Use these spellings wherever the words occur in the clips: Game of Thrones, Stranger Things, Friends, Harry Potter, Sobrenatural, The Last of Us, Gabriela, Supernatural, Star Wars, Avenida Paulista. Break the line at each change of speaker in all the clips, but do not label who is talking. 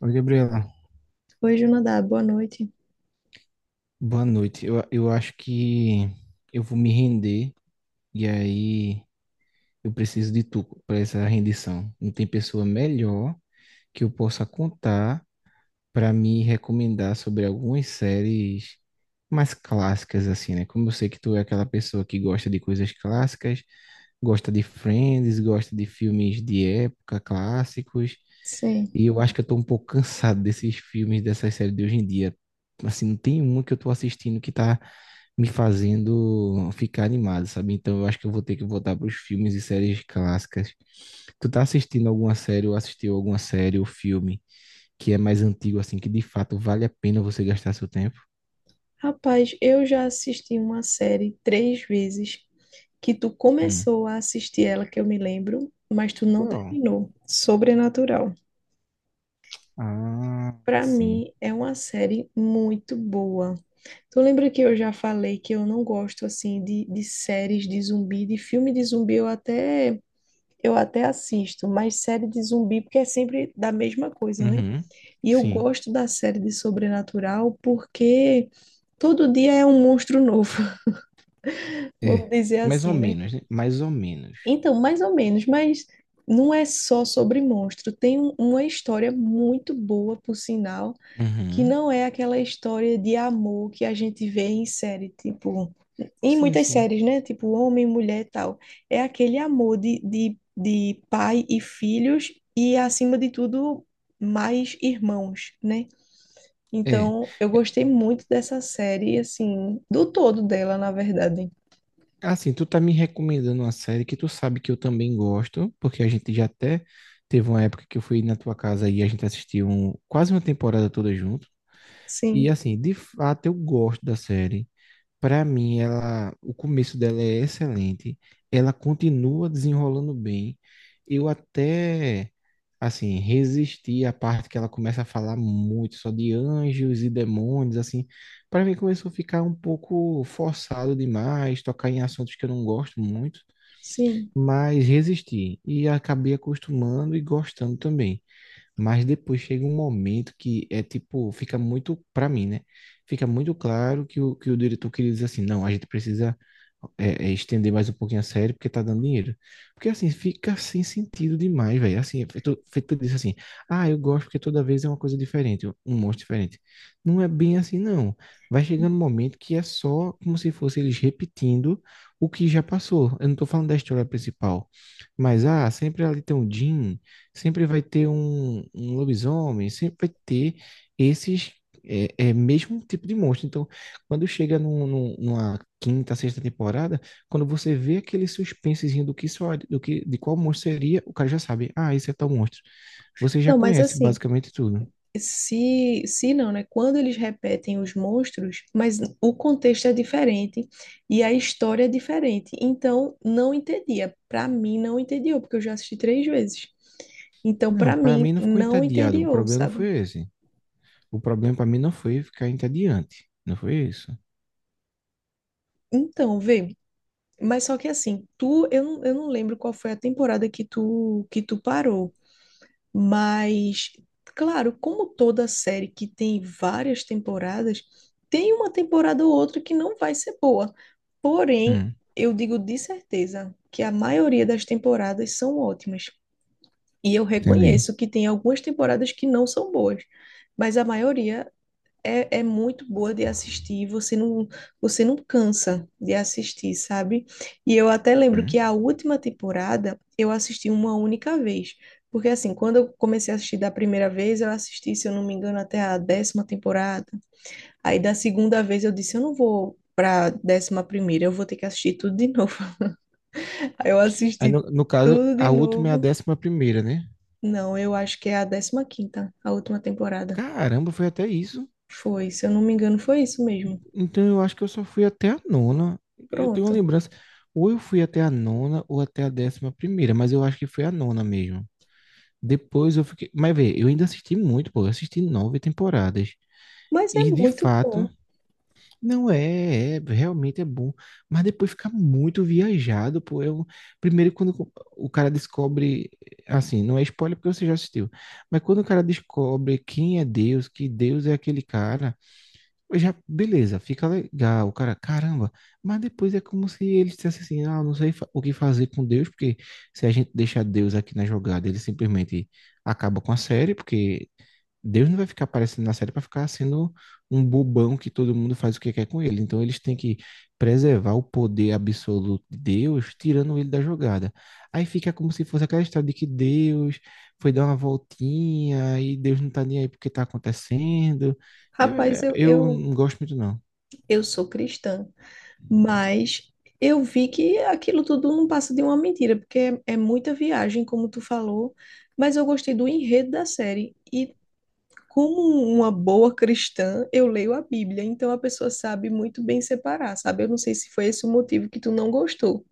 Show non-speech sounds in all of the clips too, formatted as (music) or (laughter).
Oi, Gabriela.
Oi, Junadá, boa noite.
Boa noite. Eu acho que eu vou me render e aí eu preciso de tu para essa rendição. Não tem pessoa melhor que eu possa contar para me recomendar sobre algumas séries mais clássicas, assim, né? Como eu sei que tu é aquela pessoa que gosta de coisas clássicas, gosta de Friends, gosta de filmes de época, clássicos,
Sim.
e eu acho que eu tô um pouco cansado desses filmes, dessas séries de hoje em dia. Assim, não tem uma que eu tô assistindo que tá me fazendo ficar animado, sabe? Então eu acho que eu vou ter que voltar para os filmes e séries clássicas. Tu tá assistindo alguma série ou assistiu alguma série ou filme, que é mais antigo, assim, que de fato vale a pena você gastar seu tempo?
Rapaz, eu já assisti uma série três vezes que tu
Hum.
começou a assistir ela, que eu me lembro, mas tu não
Qual?
terminou. Sobrenatural.
Ah,
Pra
sim.
mim, é uma série muito boa. Tu lembra que eu já falei que eu não gosto, assim, de séries de zumbi, de filme de zumbi, eu até assisto, mas série de zumbi, porque é sempre da mesma coisa, né?
Uhum.
E eu
Sim.
gosto da série de Sobrenatural porque todo dia é um monstro novo, (laughs) vamos
É.
dizer
Mais ou
assim, né?
menos, né? Mais ou menos.
Então, mais ou menos, mas não é só sobre monstro. Tem uma história muito boa, por sinal, que
Uhum.
não é aquela história de amor que a gente vê em série, tipo, em
Sim,
muitas
sim.
séries, né? Tipo, homem, mulher e tal. É aquele amor de pai e filhos e, acima de tudo, mais irmãos, né?
É.
Então, eu gostei muito dessa série, assim, do todo dela, na verdade.
Assim, tu tá me recomendando uma série que tu sabe que eu também gosto, porque a gente já até teve uma época que eu fui na tua casa e a gente assistiu quase uma temporada toda junto. E
Sim,
assim, de fato eu gosto da série. Para mim, ela, o começo dela é excelente. Ela continua desenrolando bem. Eu até, assim, resisti à parte que ela começa a falar muito só de anjos e demônios, assim. Para mim, começou a ficar um pouco forçado demais, tocar em assuntos que eu não gosto muito,
sim.
mas resisti e acabei acostumando e gostando também. Mas depois chega um momento que é tipo, fica muito, para mim, né? Fica muito claro que que o diretor queria dizer assim, não, a gente precisa estender mais um pouquinho a série porque tá dando dinheiro. Porque assim, fica sem sentido demais, velho. Assim, é feito disso assim, ah, eu gosto porque toda vez é uma coisa diferente, um monstro diferente. Não é bem assim, não. Vai chegando um momento que é só como se fosse eles repetindo o que já passou. Eu não tô falando da história principal. Mas, ah, sempre ali tem o Jim, sempre vai ter um lobisomem, sempre vai ter esses mesmo um tipo de monstro. Então, quando chega numa quinta, sexta temporada, quando você vê aquele suspensezinho do que só, do que, de qual monstro seria, o cara já sabe, ah, esse é tal monstro. Você já
Não, mas
conhece
assim,
basicamente tudo.
se não, né? Quando eles repetem os monstros, mas o contexto é diferente e a história é diferente. Então, não entendia. Para mim, não entediou, porque eu já assisti três vezes. Então,
Não,
para
para
mim,
mim não ficou
não
entediado. O
entediou,
problema não
sabe?
foi esse. O problema para mim não foi ficar entediante. Não foi isso.
Então, vê. Mas só que assim, tu, eu não lembro qual foi a temporada que tu parou. Mas, claro, como toda série que tem várias temporadas, tem uma temporada ou outra que não vai ser boa. Porém,
Hum,
eu digo de certeza que a maioria das temporadas são ótimas. E eu
entendi.
reconheço que tem algumas temporadas que não são boas, mas a maioria é muito boa de assistir, você não cansa de assistir, sabe? E eu até lembro
Hum.
que a última temporada eu assisti uma única vez. Porque assim, quando eu comecei a assistir da primeira vez, eu assisti, se eu não me engano, até a 10ª temporada. Aí da segunda vez eu disse, eu não vou pra 11ª, eu vou ter que assistir tudo de novo. (laughs) Aí eu
Aí,
assisti
no caso,
tudo de
a última é a
novo.
décima primeira, né?
Não, eu acho que é a 15ª, a última temporada.
Caramba, foi até isso.
Foi, se eu não me engano, foi isso mesmo.
Então eu acho que eu só fui até a nona. Eu tenho uma
Pronto.
lembrança. Ou eu fui até a nona ou até a décima primeira, mas eu acho que foi a nona mesmo. Depois eu fiquei. Mas vê, eu ainda assisti muito, pô. Eu assisti nove temporadas.
Mas é
E de
muito
fato,
bom.
não é, é, realmente é bom. Mas depois fica muito viajado, pô. Eu, primeiro, quando o cara descobre. Assim, não é spoiler porque você já assistiu. Mas quando o cara descobre quem é Deus, que Deus é aquele cara já, beleza, fica legal, cara, caramba, mas depois é como se ele dissesse assim, ah, não sei fa- o que fazer com Deus, porque se a gente deixar Deus aqui na jogada, ele simplesmente acaba com a série, porque Deus não vai ficar aparecendo na série para ficar sendo um bobão que todo mundo faz o que quer com ele. Então eles têm que preservar o poder absoluto de Deus, tirando ele da jogada. Aí fica como se fosse aquela história de que Deus foi dar uma voltinha e Deus não tá nem aí porque tá acontecendo.
Rapaz,
É, eu não gosto muito, não.
eu sou cristã, mas eu vi que aquilo tudo não passa de uma mentira, porque é muita viagem, como tu falou, mas eu gostei do enredo da série. E como uma boa cristã, eu leio a Bíblia, então a pessoa sabe muito bem separar, sabe? Eu não sei se foi esse o motivo que tu não gostou.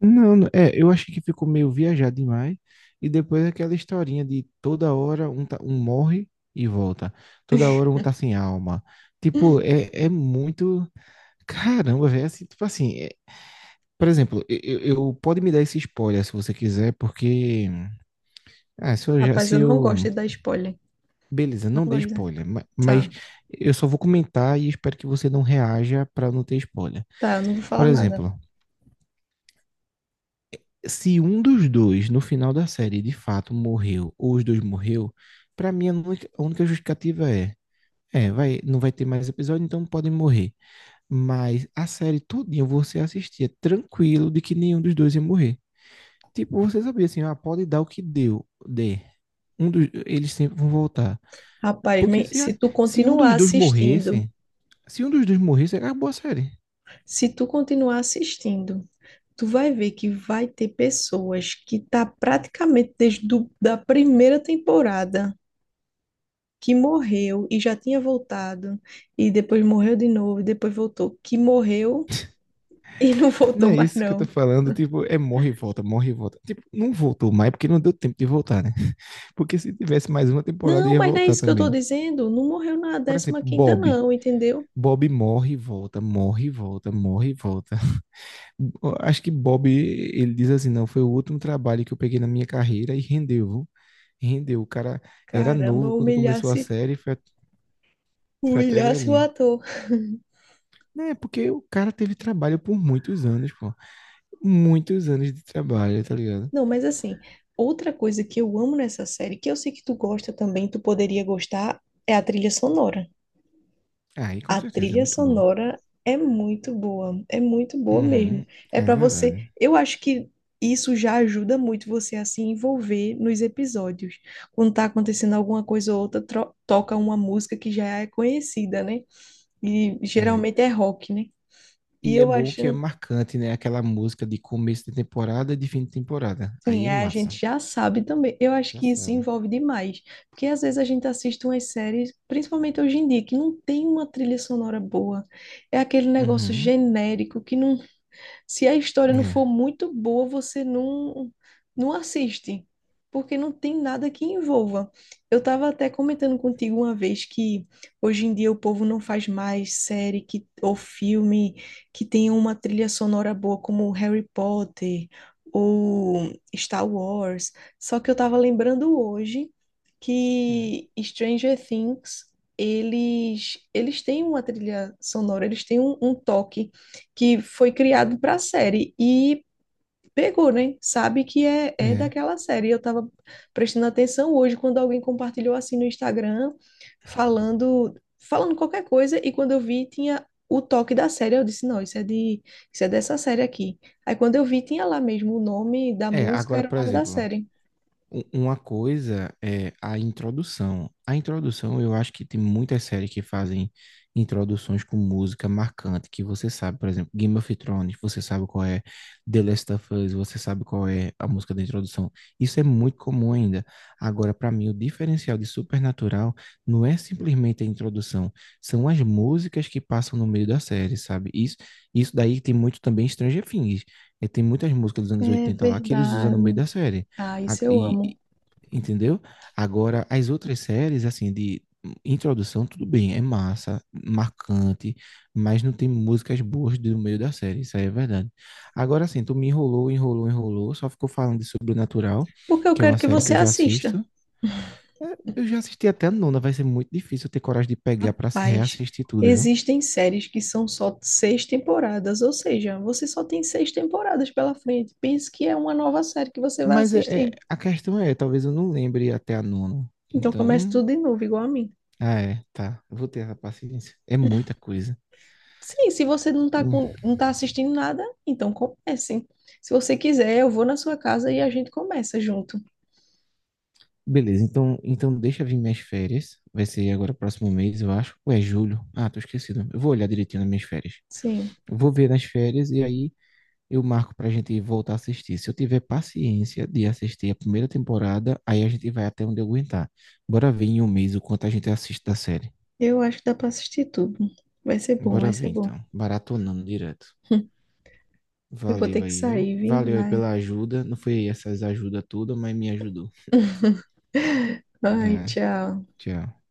Eu acho que ficou meio viajado demais. E depois aquela historinha de toda hora um morre e volta. Toda hora um tá sem alma. Tipo, é, é muito. Caramba, velho, é assim, tipo assim, é- por exemplo, pode me dar esse spoiler se você quiser, porque, ah, se eu já,
Rapaz,
se
eu não gosto
eu,
de dar spoiler.
beleza,
Não
não dê
gosto, né?
spoiler, mas
Tá,
eu só vou comentar e espero que você não reaja pra não ter spoiler.
tá, eu não vou falar
Por
nada.
exemplo, se um dos dois no final da série de fato morreu, ou os dois morreu, pra mim a única justificativa é, é, vai, não vai ter mais episódio, então podem morrer. Mas a série todinha você assistia tranquilo de que nenhum dos dois ia morrer. Tipo, você sabia assim, ah, pode dar o que deu, dê. Um dos, eles sempre vão voltar.
Rapaz,
Porque se, a-
se tu
se um
continuar
dos dois
assistindo.
morresse, se um dos dois morresse, acabou a série.
Se tu continuar assistindo, tu vai ver que vai ter pessoas que tá praticamente da primeira temporada que morreu e já tinha voltado e depois morreu de novo e depois voltou, que morreu e não (laughs)
Não
voltou
é
mais
isso que eu tô
não.
falando, tipo, é morre e volta, morre e volta. Tipo, não voltou mais porque não deu tempo de voltar, né? (laughs) Porque se tivesse mais uma temporada,
Não,
ia
mas não é
voltar
isso que eu tô
também.
dizendo. Não morreu na
Por
décima
exemplo,
quinta
Bob.
não, entendeu?
Bob morre e volta, morre e volta, morre e volta. (laughs) Acho que Bob, ele diz assim, não, foi o último trabalho que eu peguei na minha carreira e rendeu. Rendeu. O cara era
Caramba,
novo quando começou a
humilhasse,
série e foi, foi até
humilhasse o
velhinho.
ator.
É, porque o cara teve trabalho por muitos anos, pô. Muitos anos de trabalho, tá ligado?
Não, mas assim, outra coisa que eu amo nessa série, que eu sei que tu gosta também, tu poderia gostar, é a trilha sonora.
Aí, com
A
certeza, é
trilha
muito boa.
sonora é muito boa mesmo.
Uhum,
É
é
para você,
verdade.
eu acho que isso já ajuda muito você a se envolver nos episódios. Quando tá acontecendo alguma coisa ou outra, toca uma música que já é conhecida, né? E
É.
geralmente é rock, né? E
E é
eu
bom que é
acho,
marcante, né? Aquela música de começo de temporada e de fim de temporada.
sim,
Aí é
é, a gente
massa.
já sabe também. Eu acho
Já
que isso
sabe.
envolve demais, porque às vezes a gente assiste umas séries, principalmente hoje em dia, que não tem uma trilha sonora boa. É aquele negócio
Uhum.
genérico que não. Se a história não for
É.
muito boa, você não, não assiste, porque não tem nada que envolva. Eu estava até comentando contigo uma vez que hoje em dia o povo não faz mais série que, ou filme que tenha uma trilha sonora boa, como Harry Potter ou Star Wars. Só que eu estava lembrando hoje
Hum.
que Stranger Things eles têm uma trilha sonora, eles têm um toque que foi criado para a série e pegou, né? Sabe que é
É.
daquela série. Eu tava prestando atenção hoje quando alguém compartilhou assim no Instagram, falando, falando qualquer coisa, e quando eu vi tinha o toque da série, eu disse, não, isso é dessa série aqui. Aí quando eu vi tinha lá mesmo o nome da
É,
música,
agora,
era o
por
nome da
exemplo,
série.
uma coisa é a introdução. A introdução, eu acho que tem muitas séries que fazem introduções com música marcante, que você sabe, por exemplo, Game of Thrones, você sabe qual é. The Last of Us, você sabe qual é a música da introdução. Isso é muito comum ainda. Agora, para mim, o diferencial de Supernatural não é simplesmente a introdução, são as músicas que passam no meio da série, sabe? Isso, isso daí tem muito também Stranger Things. Tem muitas músicas dos anos
É
80 lá que eles usam no meio
verdade.
da série.
Ah,
A-
isso eu
E,
amo.
Entendeu? Agora, as outras séries, assim, de introdução, tudo bem, é massa, marcante, mas não tem músicas boas do meio da série, isso aí é verdade. Agora, assim, tu me enrolou, só ficou falando de Sobrenatural,
Porque eu
que é
quero
uma
que
série
você
que eu já assisto.
assista.
É, eu já assisti até a nona, vai ser muito difícil eu ter coragem de pegar pra se
Mas
reassistir tudo, viu?
existem séries que são só seis temporadas, ou seja, você só tem seis temporadas pela frente. Pense que é uma nova série que você vai
Mas é,
assistir.
a questão é, talvez eu não lembre até a nona.
Então comece
Então,
tudo de novo, igual a mim.
eu vou ter essa paciência. É muita coisa.
Sim, se você não tá com, não tá assistindo nada, então comece. Se você quiser, eu vou na sua casa e a gente começa junto.
Beleza, então, então deixa vir minhas férias. Vai ser agora próximo mês, eu acho. Ou é julho? Ah, tô esquecido. Eu vou olhar direitinho nas minhas férias.
Sim,
Eu vou ver nas férias e aí eu marco pra gente voltar a assistir. Se eu tiver paciência de assistir a primeira temporada, aí a gente vai até onde eu aguentar. Bora ver em um mês o quanto a gente assiste da série.
eu acho que dá para assistir tudo. Vai ser bom, vai
Bora ver
ser bom.
então. Baratonando direto.
Eu vou
Valeu
ter que
aí, viu?
sair, vim,
Valeu aí
vai.
pela ajuda. Não foi essas ajudas todas, mas me ajudou.
(laughs) Ai,
É,
tchau.
tchau.